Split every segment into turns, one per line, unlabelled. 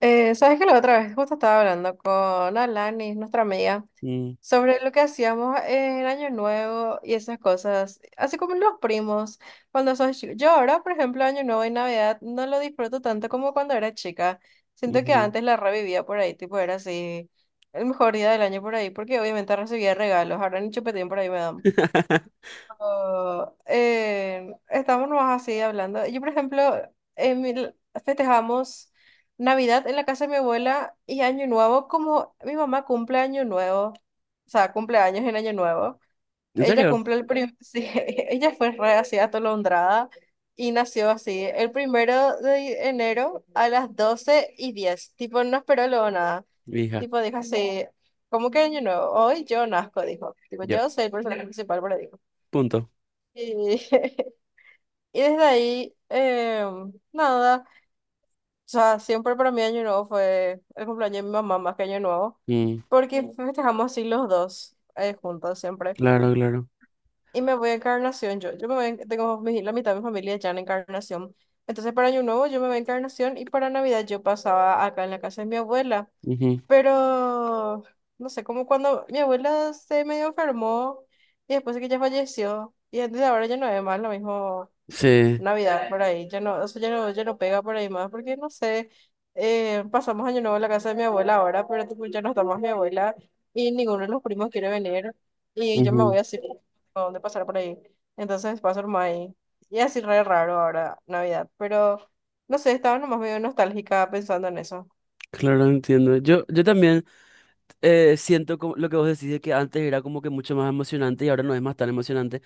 Sabes que la otra vez justo estaba hablando con Alani, nuestra amiga,
Mm,
sobre lo que hacíamos en Año Nuevo y esas cosas, así como los primos, cuando sos chico. Yo ahora, por ejemplo, Año Nuevo y Navidad no lo disfruto tanto como cuando era chica. Siento que
ujú.
antes la revivía por ahí, tipo era así, el mejor día del año por ahí, porque obviamente recibía regalos, ahora ni chupetín por ahí me dan. Oh, estamos nomás así hablando. Yo, por ejemplo, en mi- festejamos Navidad en la casa de mi abuela y Año Nuevo, como mi mamá cumple Año Nuevo, o sea, cumple años en Año Nuevo.
¿En
Ella
serio?
cumple el primer, Sí, ella fue re así atolondrada y nació así, el 1 de enero a las 12:10. Tipo, no esperó luego nada.
Hija,
Tipo, dijo así, ¿cómo que Año Nuevo? Hoy yo nazco, dijo. Tipo,
yo.
yo soy el personaje principal, pero dijo.
Punto.
Y, y desde ahí, nada, o sea, siempre para mí Año Nuevo fue el cumpleaños de mi mamá más que Año Nuevo,
Mm,
porque festejamos así los dos juntos siempre.
claro, claro.
Y me voy a Encarnación, yo me voy, tengo la mitad de mi familia ya en Encarnación. Entonces para Año Nuevo yo me voy a Encarnación y para Navidad yo pasaba acá en la casa de mi abuela.
Ujú.
Pero, no sé, como cuando mi abuela se medio enfermó y después de que ella falleció, y entonces ahora ya no es más lo mismo.
Sí.
Navidad por ahí, ya no, eso ya no, ya no pega por ahí más, porque no sé, pasamos año nuevo en la casa de mi abuela ahora, pero tipo, ya no está más mi abuela y ninguno de los primos quiere venir y yo me
Ujú.
voy así, ¿a dónde pasar por ahí? Entonces paso nomás ahí. Y así re raro ahora Navidad, pero no sé, estaba nomás medio nostálgica pensando en eso.
Claro, entiendo. Yo también. Siento como- lo que vos decís de que antes era como que mucho más emocionante y ahora no es más tan emocionante.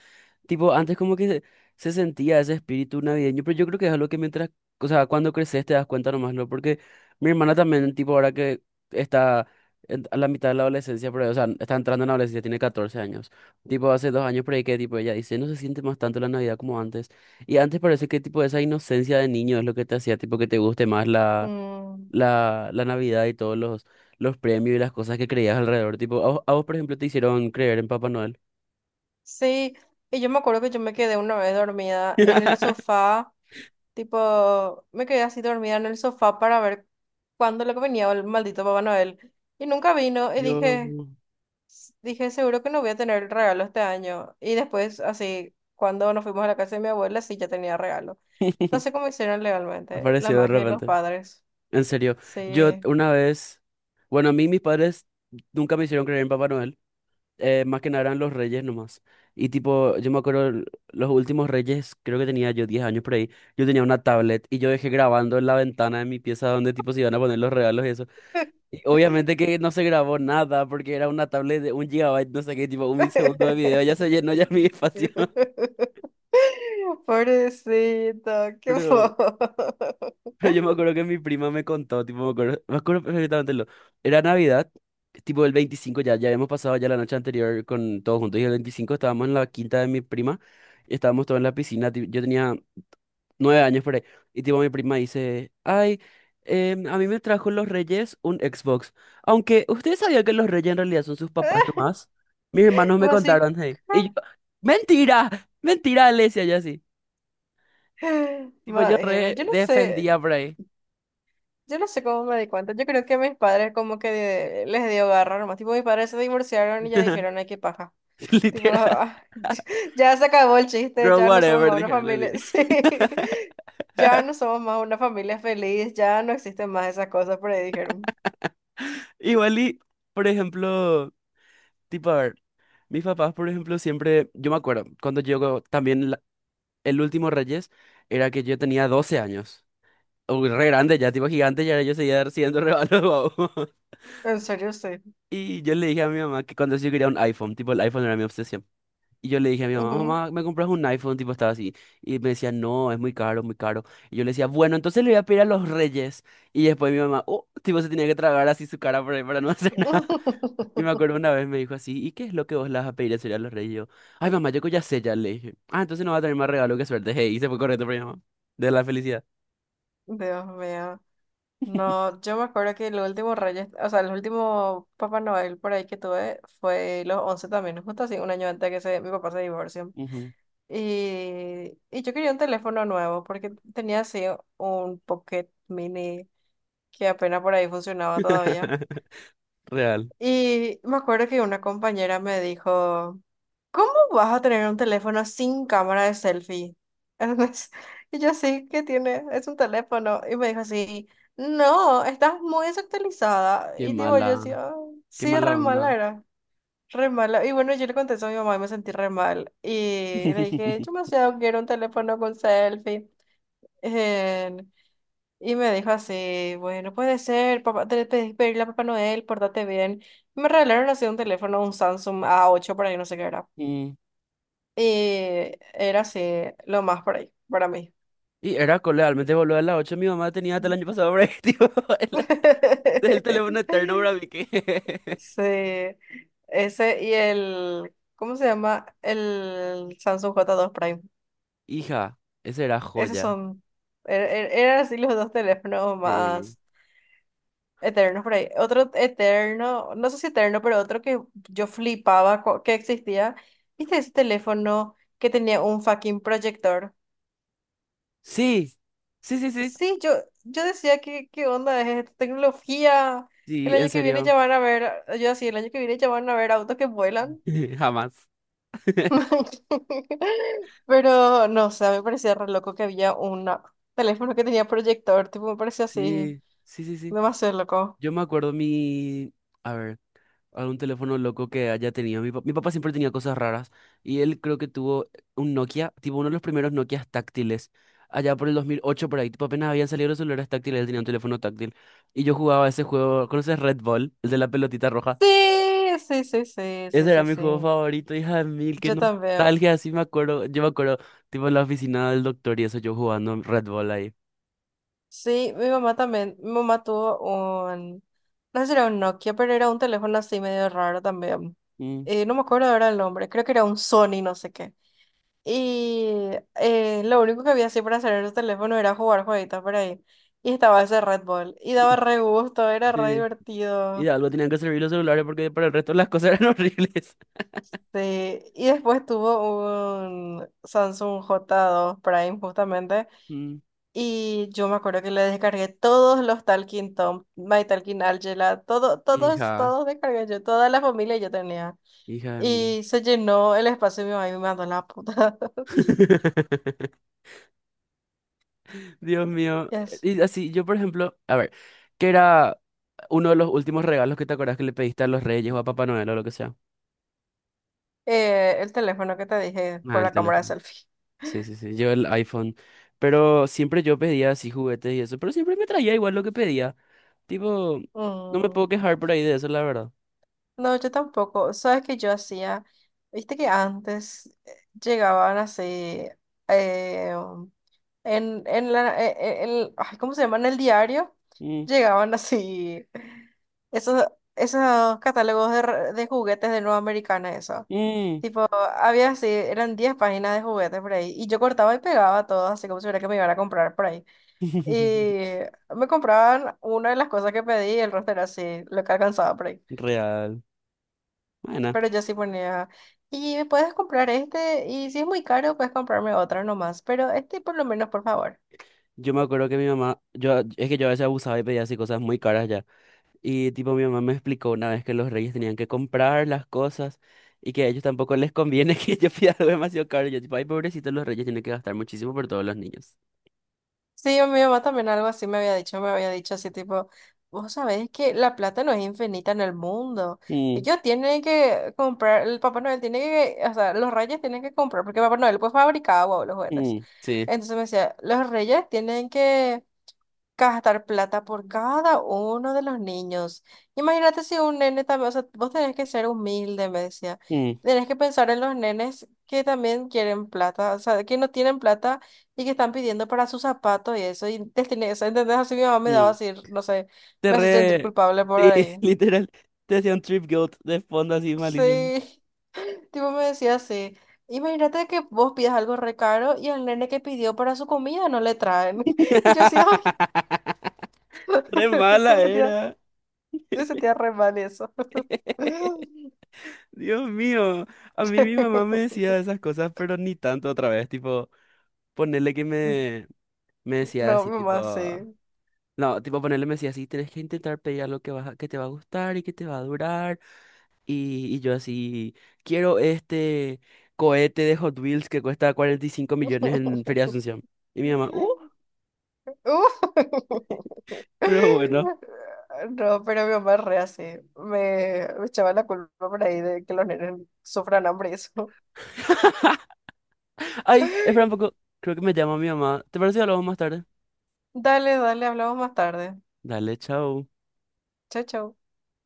Tipo, antes como que se sentía ese espíritu navideño, pero yo creo que es algo que mientras, o sea, cuando creces te das cuenta nomás, ¿no? Porque mi hermana también, tipo, ahora que está en- a la mitad de la adolescencia, pero, o sea, está entrando en la adolescencia, tiene 14 años. Tipo, hace 2 años por ahí que, tipo, ella dice, no se siente más tanto la Navidad como antes. Y antes parece que, tipo, esa inocencia de niño es lo que te hacía, tipo, que te guste más
Mm,
la Navidad y todos los premios y las cosas que creías alrededor. Tipo, a vos, por ejemplo, te hicieron creer en Papá Noel.
sí, y yo me acuerdo que yo me quedé una vez dormida en el sofá. Tipo, me quedé así dormida en el sofá para ver cuándo lo que venía el maldito Papá Noel. Y nunca vino y
Yo.
dije, dije, seguro que no voy a tener el regalo este año. Y después, así, cuando nos fuimos a la casa de mi abuela, sí, ya tenía regalo. No sé cómo hicieron legalmente. La
Apareció de
magia de los
repente.
padres.
En serio, yo
Sí.
una vez, bueno, a mí mis padres nunca me hicieron creer en Papá Noel, más que nada eran los reyes nomás. Y tipo, yo me acuerdo, los últimos reyes, creo que tenía yo 10 años por ahí, yo tenía una tablet y yo dejé grabando en la ventana de mi pieza donde tipo se iban a poner los regalos y eso. Y obviamente que no se grabó nada porque era una tablet de un gigabyte, no sé qué, tipo un segundo de video, ya se llenó ya mi espacio.
Pobrecito, qué
Pero,
bobo.
pero yo me acuerdo que mi prima me contó, tipo, me acuerdo perfectamente lo. Era Navidad, tipo el 25 ya, ya habíamos pasado ya la noche anterior con todos juntos y el 25 estábamos en la quinta de mi prima y estábamos todos en la piscina. Yo tenía 9 años por ahí. Y tipo mi prima dice, ay, a mí me trajo los Reyes un Xbox. Aunque ustedes sabían que los Reyes en realidad son sus papás nomás. Mis hermanos
Y
me
vos así,
contaron, hey. Y yo, mentira, mentira, le decía yo así.
¿qué?
Tipo yo
Imagina,
re
yo no sé.
defendía por ahí.
Yo no sé cómo me di cuenta. Yo creo que mis padres como que les dio garra nomás. Tipo, mis padres se divorciaron y ya dijeron, ay, qué paja. Tipo,
Literal.
"Ah, ya se acabó el chiste,
Girl,
ya no somos
whatever,
más una
dijeron
familia.
así.
Sí. Ya no somos más una familia feliz, ya no existen más esas cosas, por ahí dijeron.
Igual y, por ejemplo, tipo, a ver, mis papás, por ejemplo, siempre, yo me acuerdo, cuando yo también el último Reyes era que yo tenía 12 años. Uy, re grande ya, tipo gigante, ya yo seguía siendo re malo, babo.
En serio, sí.
Y yo le dije a mi mamá que cuando yo quería un iPhone, tipo el iPhone era mi obsesión. Y yo le dije a mi mamá,
Ujú.
mamá, ¿me compras un iPhone? Tipo estaba así. Y me decía, no, es muy caro, muy caro. Y yo le decía, bueno, entonces le voy a pedir a los Reyes. Y después mi mamá, oh, tipo se tenía que tragar así su cara por ahí para no hacer nada. Y me acuerdo una vez me dijo así, ¿y qué es lo que vos le vas a pedir a Celia a los Reyes? Y yo, ay, mamá, yo que ya sé, ya le dije. Ah, entonces no va a tener más regalo, qué suerte. Hey, y se fue corriendo por mi mamá. De la felicidad.
Dios mío. No, yo me acuerdo que el último Reyes, o sea, el último Papá Noel por ahí que tuve fue los 11 también, justo así, un año antes de que se, mi papá se divorcie.
Ujú.
Y yo quería un teléfono nuevo porque tenía así un Pocket Mini que apenas por ahí funcionaba todavía.
Real.
Y me acuerdo que una compañera me dijo, ¿cómo vas a tener un teléfono sin cámara de selfie? Entonces, y yo sí, ¿qué tiene? Es un teléfono. Y me dijo así, no, estás muy desactualizada.
Qué
Y digo yo sí,
mala,
"Ah,
qué
sí,
mala
re
onda.
mala era. Re mala. Y bueno, yo le contesto a mi mamá y me sentí re mal. Y le dije, yo demasiado quiero un teléfono con selfie. Eh, y me dijo así, bueno, puede ser, papá, te pedí pedirle a Papá Noel, pórtate bien. Y me regalaron así un teléfono, un Samsung a ocho por ahí, no sé qué era.
Mm.
Y era así, lo más por ahí, para mí.
Y era cole, realmente boludo, a las 8 mi mamá tenía hasta el año pasado, bre, tipo, el, el teléfono eterno, bra, vi que-
Sí, ese y el, ¿cómo se llama? El Samsung j dos Prime.
Hija, esa era
Esos
joya.
son, eran así los dos teléfonos
Sí.
más eternos por ahí. Otro eterno, no sé si eterno, pero otro que yo flipaba que existía. ¿Viste ese teléfono que tenía un fucking proyector?
Sí, sí, sí, sí.
Sí, yo decía, ¿qué, qué onda es esta tecnología? El
Sí, en
año que viene
serio.
ya van a ver, yo así, el año que viene ya van a ver autos que vuelan.
Jamás.
Pero no, o sea, me parecía re loco que había un teléfono que tenía proyector, tipo, me parecía así,
Sí, sí, sí, sí.
demasiado loco.
Yo me acuerdo mi... A ver. Algún teléfono loco que haya tenido. Mi papá siempre tenía cosas raras. Y él creo que tuvo un Nokia, tipo uno de los primeros Nokias táctiles. Allá por el 2008 por ahí. Tipo apenas habían salido los celulares táctiles, él tenía un teléfono táctil. Y yo jugaba ese juego. ¿Conoces Red Ball? El de la pelotita roja.
Sí, sí, sí, sí, sí,
Ese era
sí,
mi
sí.
juego favorito, hija de mil. Qué
Yo también.
nostalgia, así me acuerdo. Yo me acuerdo, tipo en la oficina del doctor y eso, yo jugando Red Ball ahí.
Sí, mi mamá también. Mi mamá tuvo un, no sé si era un Nokia, pero era un teléfono así medio raro también.
Mm.
No me acuerdo ahora el nombre, creo que era un Sony, no sé qué. Y lo único que había así para hacer en el teléfono era jugar jueguitos por ahí. Y estaba ese Red Bull. Y daba re gusto, era re
Sí. Y de
divertido.
algo tenían que servir los celulares porque para el resto las cosas eran horribles.
Sí. Y después tuvo un Samsung J2 Prime justamente.
Mm,
Y yo me acuerdo que le descargué todos los Talking Tom, My Talking Angela, todo, todos,
hija,
todos descargué yo, toda la familia yo tenía.
hija de mil.
Y se llenó el espacio y mi mamá me mandó la puta.
Dios mío.
Yes.
Y así, yo por ejemplo, a ver, ¿qué era uno de los últimos regalos que te acuerdas que le pediste a los Reyes o a Papá Noel o lo que sea?
El teléfono que te dije
Ah,
por
el
la cámara de
teléfono.
selfie.
Sí, sí, sí, yo el iPhone. Pero siempre yo pedía así juguetes y eso, pero siempre me traía igual lo que pedía. Tipo, no me
Mm.
puedo quejar por ahí de eso, la verdad.
No, yo tampoco. ¿Sabes qué yo hacía? Viste que antes llegaban así eh, um, en la ay, ¿cómo se llama? En el diario
Mm,
llegaban así esos, esos catálogos de, de juguetes de Nueva Americana, eso.
mm.
Tipo, había así, eran 10 páginas de juguetes por ahí. Y yo cortaba y pegaba todo, así como si fuera que me iban a comprar por ahí. Y me compraban una de las cosas que pedí y el resto era así, lo que alcanzaba por ahí.
Real. Bueno,
Pero yo sí ponía, y me puedes comprar este, y si es muy caro, puedes comprarme otro nomás, pero este por lo menos, por favor.
yo me acuerdo que mi mamá, yo es que yo a veces abusaba y pedía así cosas muy caras ya. Y tipo mi mamá me explicó una vez que los reyes tenían que comprar las cosas y que a ellos tampoco les conviene que yo pida algo demasiado caro. Y yo tipo, ay, pobrecitos los reyes tienen que gastar muchísimo por todos los niños.
Sí, a mi mamá también algo así me había dicho así tipo, vos sabés que la plata no es infinita en el mundo.
Mm,
Ellos tienen que comprar, el Papá Noel tiene que, o sea, los reyes tienen que comprar, porque Papá Noel pues fabricaba, wow, los juguetes.
mm, sí.
Entonces me decía, los reyes tienen que gastar plata por cada uno de los niños. Imagínate si un nene también, o sea, vos tenés que ser humilde, me decía.
Mm,
Tenés que pensar en los nenes que también quieren plata, o sea, que no tienen plata y que están pidiendo para sus zapatos y eso. Y te tenés, o sea, ¿entendés? Así mi mamá me daba
mm.
así, no sé,
Te
me hace sentir
re...
culpable por
Sí,
ahí.
literal. Te hacía un trip guilt de fondo así malísimo.
Sí, tipo me decía así. Imagínate que vos pidas algo re caro y al nene que pidió para su comida no le traen. Y yo así, ay,
Re mala
me sentía,
era.
me sentía re mal eso.
Dios mío. A mí mi mamá me decía esas cosas, pero ni tanto otra vez. Tipo, ponerle que me decía
No,
así, tipo.
mamá, sí.
No, tipo ponerle me decía así, tenés que intentar pedir algo que, vas a- que te va a gustar y que te va a durar. Y yo así, quiero este cohete de Hot Wheels que cuesta 45 millones en Feria de Asunción. Y mi mamá,
Uh.
pero bueno.
No, pero mi mamá es re así. Me echaba la culpa por ahí de que los nenes sufran hambre y eso.
Ay, espera un poco, creo que me llama mi mamá. ¿Te parece que hablamos más tarde?
Dale, dale, hablamos más tarde.
Dale, chao.
Chao, chao.